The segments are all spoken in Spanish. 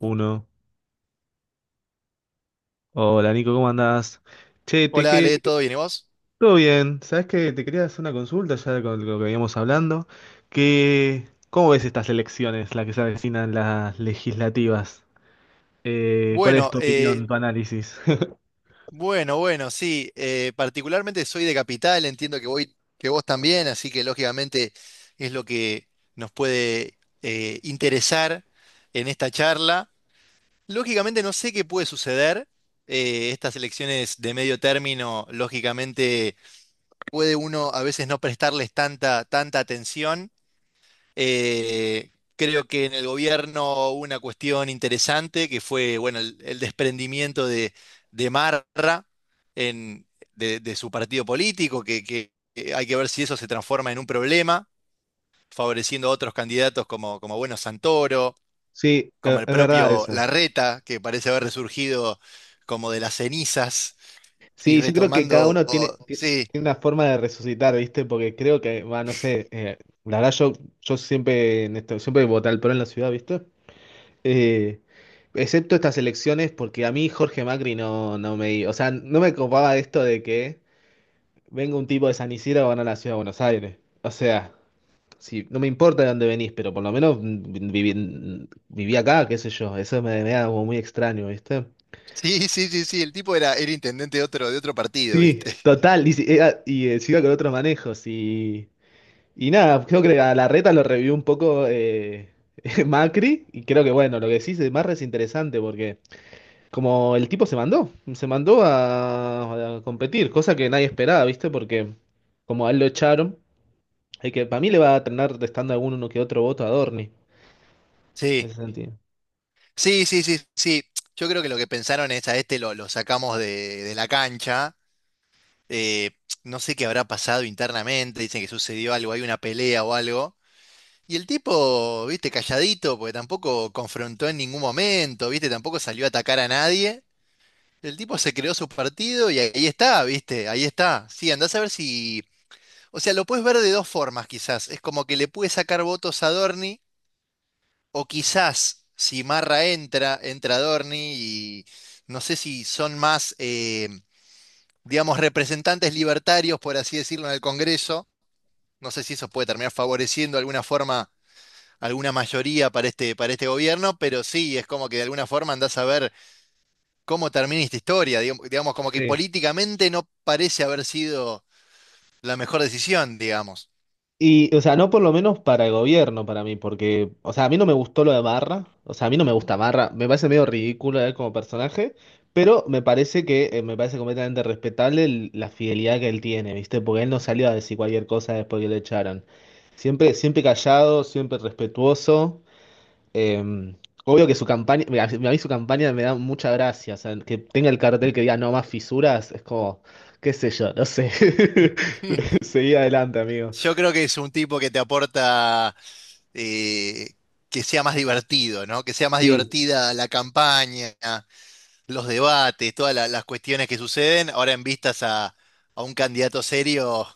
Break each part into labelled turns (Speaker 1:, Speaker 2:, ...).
Speaker 1: Uno. Hola Nico, ¿cómo andás? Che,
Speaker 2: Hola, Ale,
Speaker 1: te que-
Speaker 2: ¿todo bien? ¿Y vos?
Speaker 1: todo bien. ¿Sabés que te quería hacer una consulta ya con lo que veníamos hablando? ¿Cómo ves estas elecciones, las que se avecinan las legislativas? ¿Cuál es
Speaker 2: Bueno,
Speaker 1: tu
Speaker 2: eh,
Speaker 1: opinión, tu análisis?
Speaker 2: bueno, sí. Particularmente soy de Capital, entiendo que voy, que vos también, así que lógicamente es lo que nos puede interesar en esta charla. Lógicamente no sé qué puede suceder. Estas elecciones de medio término, lógicamente puede uno a veces no prestarles tanta atención. Eh, Creo que en el gobierno hubo una cuestión interesante que fue, bueno, el desprendimiento de Marra en- de su partido político, que hay que ver si eso se transforma en un problema, favoreciendo a otros candidatos como, como bueno, Santoro,
Speaker 1: Sí,
Speaker 2: como el
Speaker 1: es verdad
Speaker 2: propio
Speaker 1: eso.
Speaker 2: Larreta, que parece haber resurgido como de las cenizas y
Speaker 1: Sí, yo creo que cada
Speaker 2: retomando,
Speaker 1: uno
Speaker 2: sí,
Speaker 1: tiene una forma de resucitar, ¿viste? Porque creo que, va, no sé, la verdad, yo siempre, en esto, siempre voté al PRO en la ciudad, ¿viste? Eh, Excepto estas elecciones, porque a mí Jorge Macri no me... O sea, no me copaba esto de que venga un tipo de San Isidro a ganar la ciudad de Buenos Aires. O sea, si, no me importa de dónde venís, pero por lo menos viví, viví acá, qué sé yo. Eso me da como muy extraño, ¿viste?
Speaker 2: sí, sí, el tipo era intendente de otro partido,
Speaker 1: Sí,
Speaker 2: ¿viste?
Speaker 1: total. Y, y siga con otros manejos. Y nada, creo que a la reta lo revivió un poco Macri. Y creo que, bueno, lo que sí es más es interesante porque... Como el tipo se mandó a competir, cosa que nadie esperaba, ¿viste? Porque como a él lo echaron, hay que para mí le va a terminar restando alguno que otro voto a Dorni, en
Speaker 2: Sí.
Speaker 1: ese sentido.
Speaker 2: Sí, sí, sí, sí. Yo creo que lo que pensaron es a este lo sacamos de la cancha. eh, no sé qué habrá pasado internamente. Dicen que sucedió algo, hay una pelea o algo. Y el tipo, viste, calladito, porque tampoco confrontó en ningún momento, viste, tampoco salió a atacar a nadie. El tipo se creó su partido y ahí está, viste, ahí está. Sí, andás a ver si. O sea, lo puedes ver de dos formas, quizás. Es como que le pude sacar votos a Dorni. O quizás si Marra entra, entra Adorni y no sé si son más, digamos, representantes libertarios, por así decirlo, en el Congreso. No sé si eso puede terminar favoreciendo de alguna forma alguna mayoría para este gobierno, pero sí, es como que de alguna forma andás a ver cómo termina esta historia. Digamos, digamos, como que
Speaker 1: Sí.
Speaker 2: políticamente no parece haber sido la mejor decisión, digamos.
Speaker 1: Y, o sea, no por lo menos para el gobierno, para mí, porque, o sea, a mí no me gustó lo de Marra, o sea, a mí no me gusta Marra, me parece medio ridículo él como personaje, pero me parece que, me parece completamente respetable la fidelidad que él tiene, ¿viste? Porque él no salió a decir cualquier cosa después que lo echaron. Siempre, siempre callado, siempre respetuoso. Eh, Obvio que su campaña, mira, a mí su campaña me da mucha gracia, o sea, que tenga el cartel que diga no más fisuras, es como, qué sé yo, no sé. Seguí adelante, amigo.
Speaker 2: Yo creo que es un tipo que te aporta eh, que sea más divertido, ¿no? Que sea más
Speaker 1: Sí,
Speaker 2: divertida la campaña, los debates, todas las cuestiones que suceden. Ahora en vistas a un candidato serio,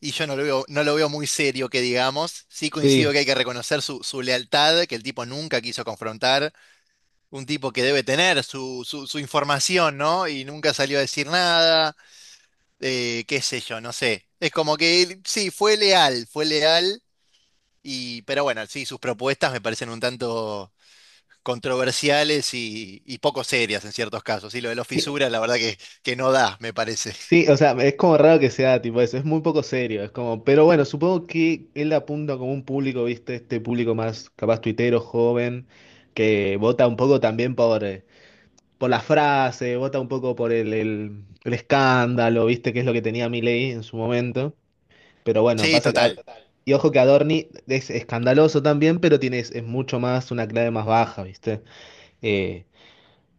Speaker 2: y yo no lo veo, no lo veo muy serio, que digamos. Sí coincido
Speaker 1: sí,
Speaker 2: que hay que reconocer su, su lealtad, que el tipo nunca quiso confrontar. Un tipo que debe tener su información, ¿no? Y nunca salió a decir nada. Qué sé yo, no sé. Es como que él, sí, fue leal y, pero bueno, sí, sus propuestas me parecen un tanto controversiales y poco serias en ciertos casos. Y lo de los
Speaker 1: sí,
Speaker 2: fisuras, la verdad que no da, me parece.
Speaker 1: sí, o sea, es como raro que sea tipo eso, es muy poco serio, es como, pero bueno, supongo que él apunta como un público, viste, este público más capaz tuitero, joven, que vota un poco también por la frase, vota un poco por el escándalo, viste, que es lo que tenía Milei en su momento. Pero bueno,
Speaker 2: Sí,
Speaker 1: pasa que.
Speaker 2: total.
Speaker 1: Y ojo que Adorni es escandaloso también, pero tiene, es mucho más, una clave más baja, ¿viste? Eh,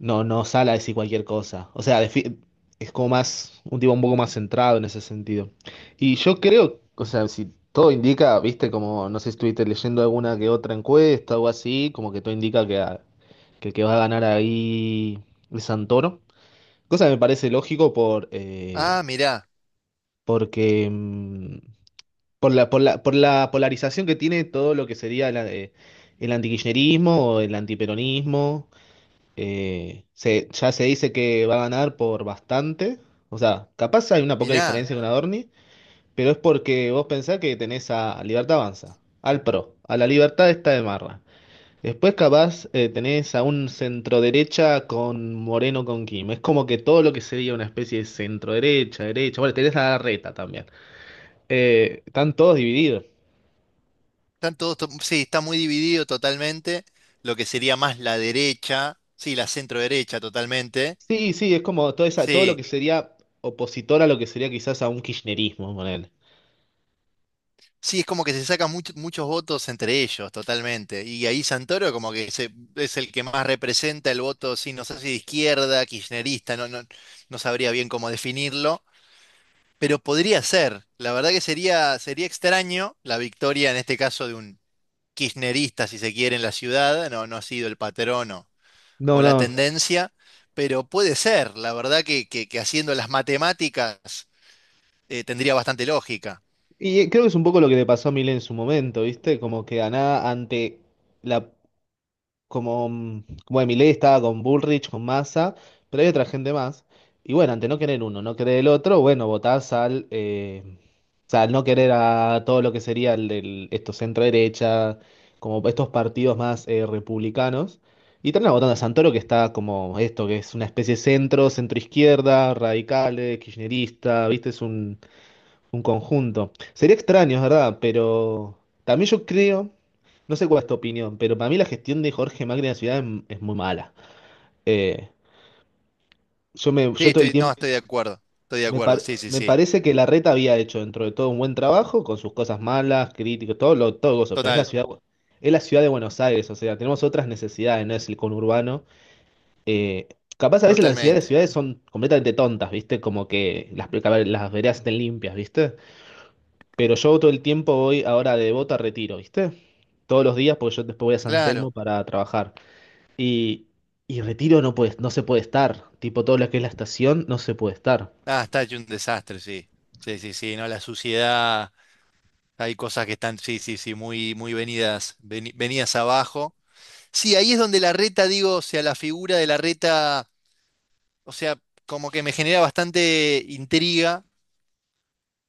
Speaker 1: no, no sale a decir cualquier cosa. O sea, es como más, un tipo un poco más centrado en ese sentido. Y yo creo, o sea, si todo indica, ¿viste? Como, no sé si estuviste leyendo alguna que otra encuesta o así, como que todo indica que el que va a ganar ahí es Santoro. Cosa que me parece lógico por,
Speaker 2: Ah, mirá,
Speaker 1: porque... por por la polarización que tiene todo lo que sería el antikirchnerismo o el antiperonismo, ya se dice que va a ganar por bastante. O sea, capaz hay una poca
Speaker 2: mirá.
Speaker 1: diferencia con Adorni, pero es porque vos pensás que tenés a Libertad Avanza, al PRO, a la Libertad está de Marra. Después capaz tenés a un centro derecha con Moreno con Kim. Es como que todo lo que sería una especie de centro derecha, derecha. Bueno, tenés a la reta también. Están todos divididos.
Speaker 2: Están todos, sí, está muy dividido totalmente. Lo que sería más la derecha, sí, la centro derecha totalmente.
Speaker 1: Sí, sí, es como toda esa, todo lo
Speaker 2: Sí.
Speaker 1: que sería opositor a lo que sería quizás a un kirchnerismo con él.
Speaker 2: Sí, es como que se sacan muchos votos entre ellos, totalmente. Y ahí Santoro como que es el que más representa el voto, sí, no sé si de izquierda, kirchnerista, no, no, no sabría bien cómo definirlo, pero podría ser. La verdad que sería, sería extraño la victoria en este caso de un kirchnerista, si se quiere, en la ciudad, no, no ha sido el patrón
Speaker 1: No,
Speaker 2: o la
Speaker 1: no.
Speaker 2: tendencia, pero puede ser. La verdad que, que haciendo las matemáticas tendría bastante lógica.
Speaker 1: Y creo que es un poco lo que le pasó a Milei en su momento, ¿viste? Como que a nada ante la como de Milei estaba con Bullrich, con Massa, pero hay otra gente más. Y bueno, ante no querer uno, no querer el otro, bueno, votás al, o sea, al no querer a todo lo que sería esto centro derecha, como estos partidos más republicanos. Y termina votando a Santoro, que está como esto, que es una especie de centro, centro izquierda, radicales, kirchnerista, ¿viste? Es un conjunto. Sería extraño, es verdad, pero también yo creo, no sé cuál es tu opinión, pero para mí la gestión de Jorge Macri en la ciudad es muy mala. Eh, yo,
Speaker 2: Sí,
Speaker 1: yo todo el
Speaker 2: estoy, no,
Speaker 1: tiempo
Speaker 2: estoy de acuerdo. Estoy de acuerdo, sí, sí,
Speaker 1: me
Speaker 2: sí.
Speaker 1: parece que Larreta había hecho dentro de todo un buen trabajo con sus cosas malas, críticas, todo lo, todo eso, pero
Speaker 2: Total,
Speaker 1: es la ciudad de Buenos Aires, o sea, tenemos otras necesidades, no es el conurbano. Eh, Capaz a veces las necesidades de
Speaker 2: totalmente.
Speaker 1: ciudades son completamente tontas, ¿viste? Como que las, a ver, las veredas estén limpias, ¿viste? Pero yo todo el tiempo voy ahora de Bota a Retiro, ¿viste? Todos los días, porque yo después voy a San Telmo
Speaker 2: Claro.
Speaker 1: para trabajar. Y, y Retiro no puede, no se puede estar. Tipo, todo lo que es la estación no se puede estar.
Speaker 2: Ah, está hecho un desastre, sí. Sí, sí, sí, ¿no? La suciedad, hay cosas que están, sí, sí, sí, muy, muy venidas, venidas abajo. Sí, ahí es donde la reta, digo, o sea, la figura de la reta, o sea, como que me genera bastante intriga.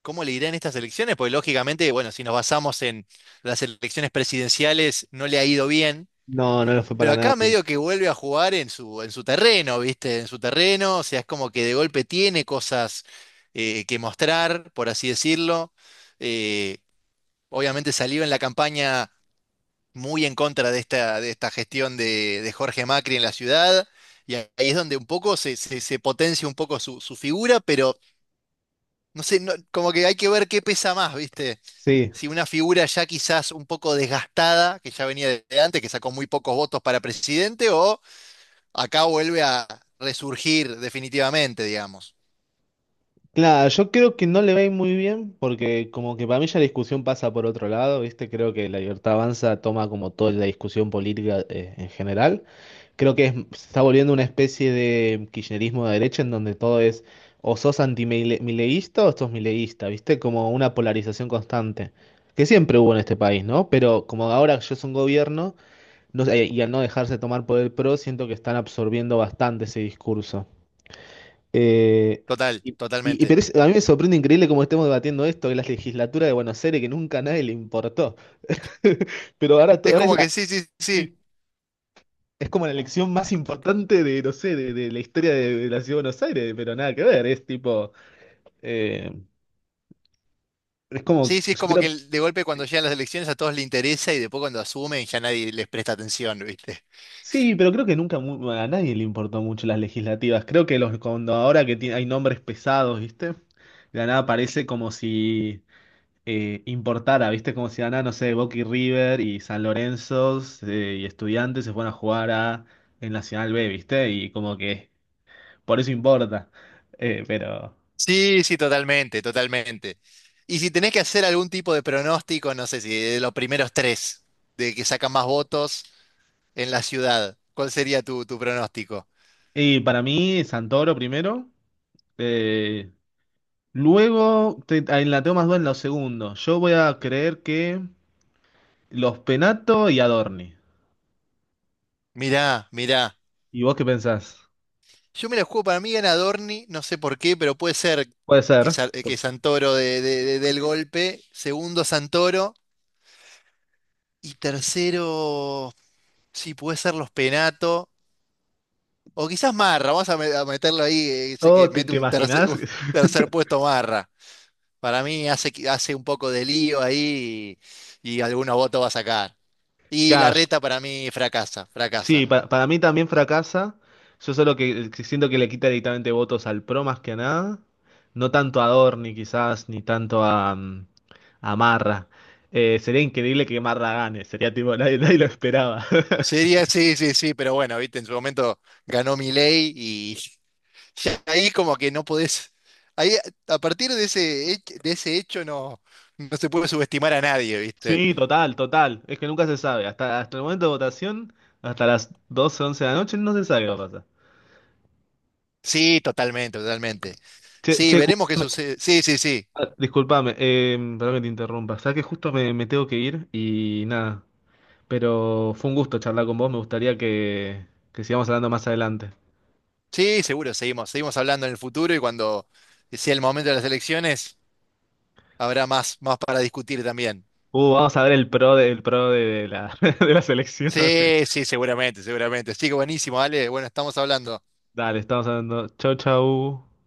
Speaker 2: ¿Cómo le irá en estas elecciones? Porque lógicamente, bueno, si nos basamos en las elecciones presidenciales, no le ha ido bien.
Speaker 1: No, no lo fue
Speaker 2: Pero
Speaker 1: para nada
Speaker 2: acá
Speaker 1: bien.
Speaker 2: medio que vuelve a jugar en su terreno, ¿viste? En su terreno, o sea, es como que de golpe tiene cosas que mostrar, por así decirlo. Eh, Obviamente salió en la campaña muy en contra de esta gestión de Jorge Macri en la ciudad, y ahí es donde un poco se, se potencia un poco su, su figura, pero no sé, no- como que hay que ver qué pesa más, ¿viste?
Speaker 1: Sí.
Speaker 2: Si una figura ya quizás un poco desgastada, que ya venía de antes, que sacó muy pocos votos para presidente, o acá vuelve a resurgir definitivamente, digamos.
Speaker 1: Claro, yo creo que no le va a ir muy bien, porque como que para mí ya la discusión pasa por otro lado, ¿viste? Creo que la libertad avanza toma como toda la discusión política en general. Creo que se está volviendo una especie de kirchnerismo de derecha en donde todo es o sos antimileísta o sos mileísta, ¿viste? Como una polarización constante, que siempre hubo en este país, ¿no? Pero como ahora yo soy un gobierno, no sé, y al no dejarse tomar por el PRO, siento que están absorbiendo bastante ese discurso. Eh,
Speaker 2: Total,
Speaker 1: y,
Speaker 2: totalmente.
Speaker 1: pero a mí me sorprende increíble cómo estemos debatiendo esto, que la legislatura de Buenos Aires, que nunca a nadie le importó. Pero
Speaker 2: Es
Speaker 1: ahora es
Speaker 2: como
Speaker 1: la...
Speaker 2: que sí, sí, sí.
Speaker 1: sí, es como la elección más importante de, no sé, de la historia de la ciudad de Buenos Aires, pero nada que ver, es tipo, eh, es como,
Speaker 2: Sí, sí, es
Speaker 1: yo
Speaker 2: como
Speaker 1: creo,
Speaker 2: que de golpe cuando llegan las elecciones a todos les interesa y después cuando asumen ya nadie les presta atención, ¿viste?
Speaker 1: sí, pero creo que nunca mu- a nadie le importó mucho las legislativas. Creo que los, cuando ahora hay nombres pesados, ¿viste? De la nada parece como si importara, ¿viste? Como si de la nada, no sé, Boca y River y San Lorenzo y Estudiantes se fueran a jugar a, en Nacional B, ¿viste? Y como que por eso importa. Pero...
Speaker 2: Sí, sí, totalmente, totalmente. Y si tenés que hacer algún tipo de pronóstico, no sé si de los primeros tres, de que sacan más votos en la ciudad, ¿cuál sería tu, tu pronóstico?
Speaker 1: y para mí, Santoro primero. eh, Luego te, ahí la tengo más duda en los segundos. Yo voy a creer que los Penato y Adorni.
Speaker 2: Mirá, mirá.
Speaker 1: ¿Y vos qué pensás?
Speaker 2: Yo me la juego, para mí gana Dorni, no sé por qué, pero puede ser
Speaker 1: Puede
Speaker 2: que,
Speaker 1: ser.
Speaker 2: Que Santoro de, del golpe, segundo Santoro, y tercero, sí, puede ser los Penato, o quizás Marra, vamos a, a meterlo ahí, sé
Speaker 1: Oh,
Speaker 2: que
Speaker 1: ¿te,
Speaker 2: mete
Speaker 1: te imaginás?
Speaker 2: un tercer puesto Marra. Para mí hace, hace un poco de lío ahí y algunos votos va a sacar. Y la
Speaker 1: Cash.
Speaker 2: reta para mí fracasa,
Speaker 1: Sí,
Speaker 2: fracasa.
Speaker 1: para mí también fracasa. Yo solo que siento que le quita directamente votos al PRO más que a nada. No tanto a Adorni quizás, ni tanto a, a Marra. Sería increíble que Marra gane. Sería tipo, nadie, nadie lo esperaba.
Speaker 2: Sería, sí, sí, sí, pero bueno, viste, en su momento ganó Milei y ya ahí como que no podés, ahí a partir de ese, de ese hecho no, no se puede subestimar a nadie, ¿viste?
Speaker 1: Sí, total, total. Es que nunca se sabe. Hasta, hasta el momento de votación, hasta las 12 11 de la noche, no se sabe qué va a pasar.
Speaker 2: Sí, totalmente, totalmente.
Speaker 1: Che,
Speaker 2: Sí,
Speaker 1: che,
Speaker 2: veremos qué
Speaker 1: disculpame,
Speaker 2: sucede. Sí, sí, sí.
Speaker 1: disculpame, perdón que te interrumpa. Sabes que justo me tengo que ir y nada. Pero fue un gusto charlar con vos. Me gustaría que sigamos hablando más adelante.
Speaker 2: Sí, seguro, seguimos, seguimos hablando en el futuro y cuando sea el momento de las elecciones habrá más, más para discutir también.
Speaker 1: Vamos a ver el pro de la, de la selección.
Speaker 2: Sí, sí, seguramente, seguramente. Sí, buenísimo, Ale. Bueno, estamos hablando.
Speaker 1: Dale, estamos hablando. Chau, chau.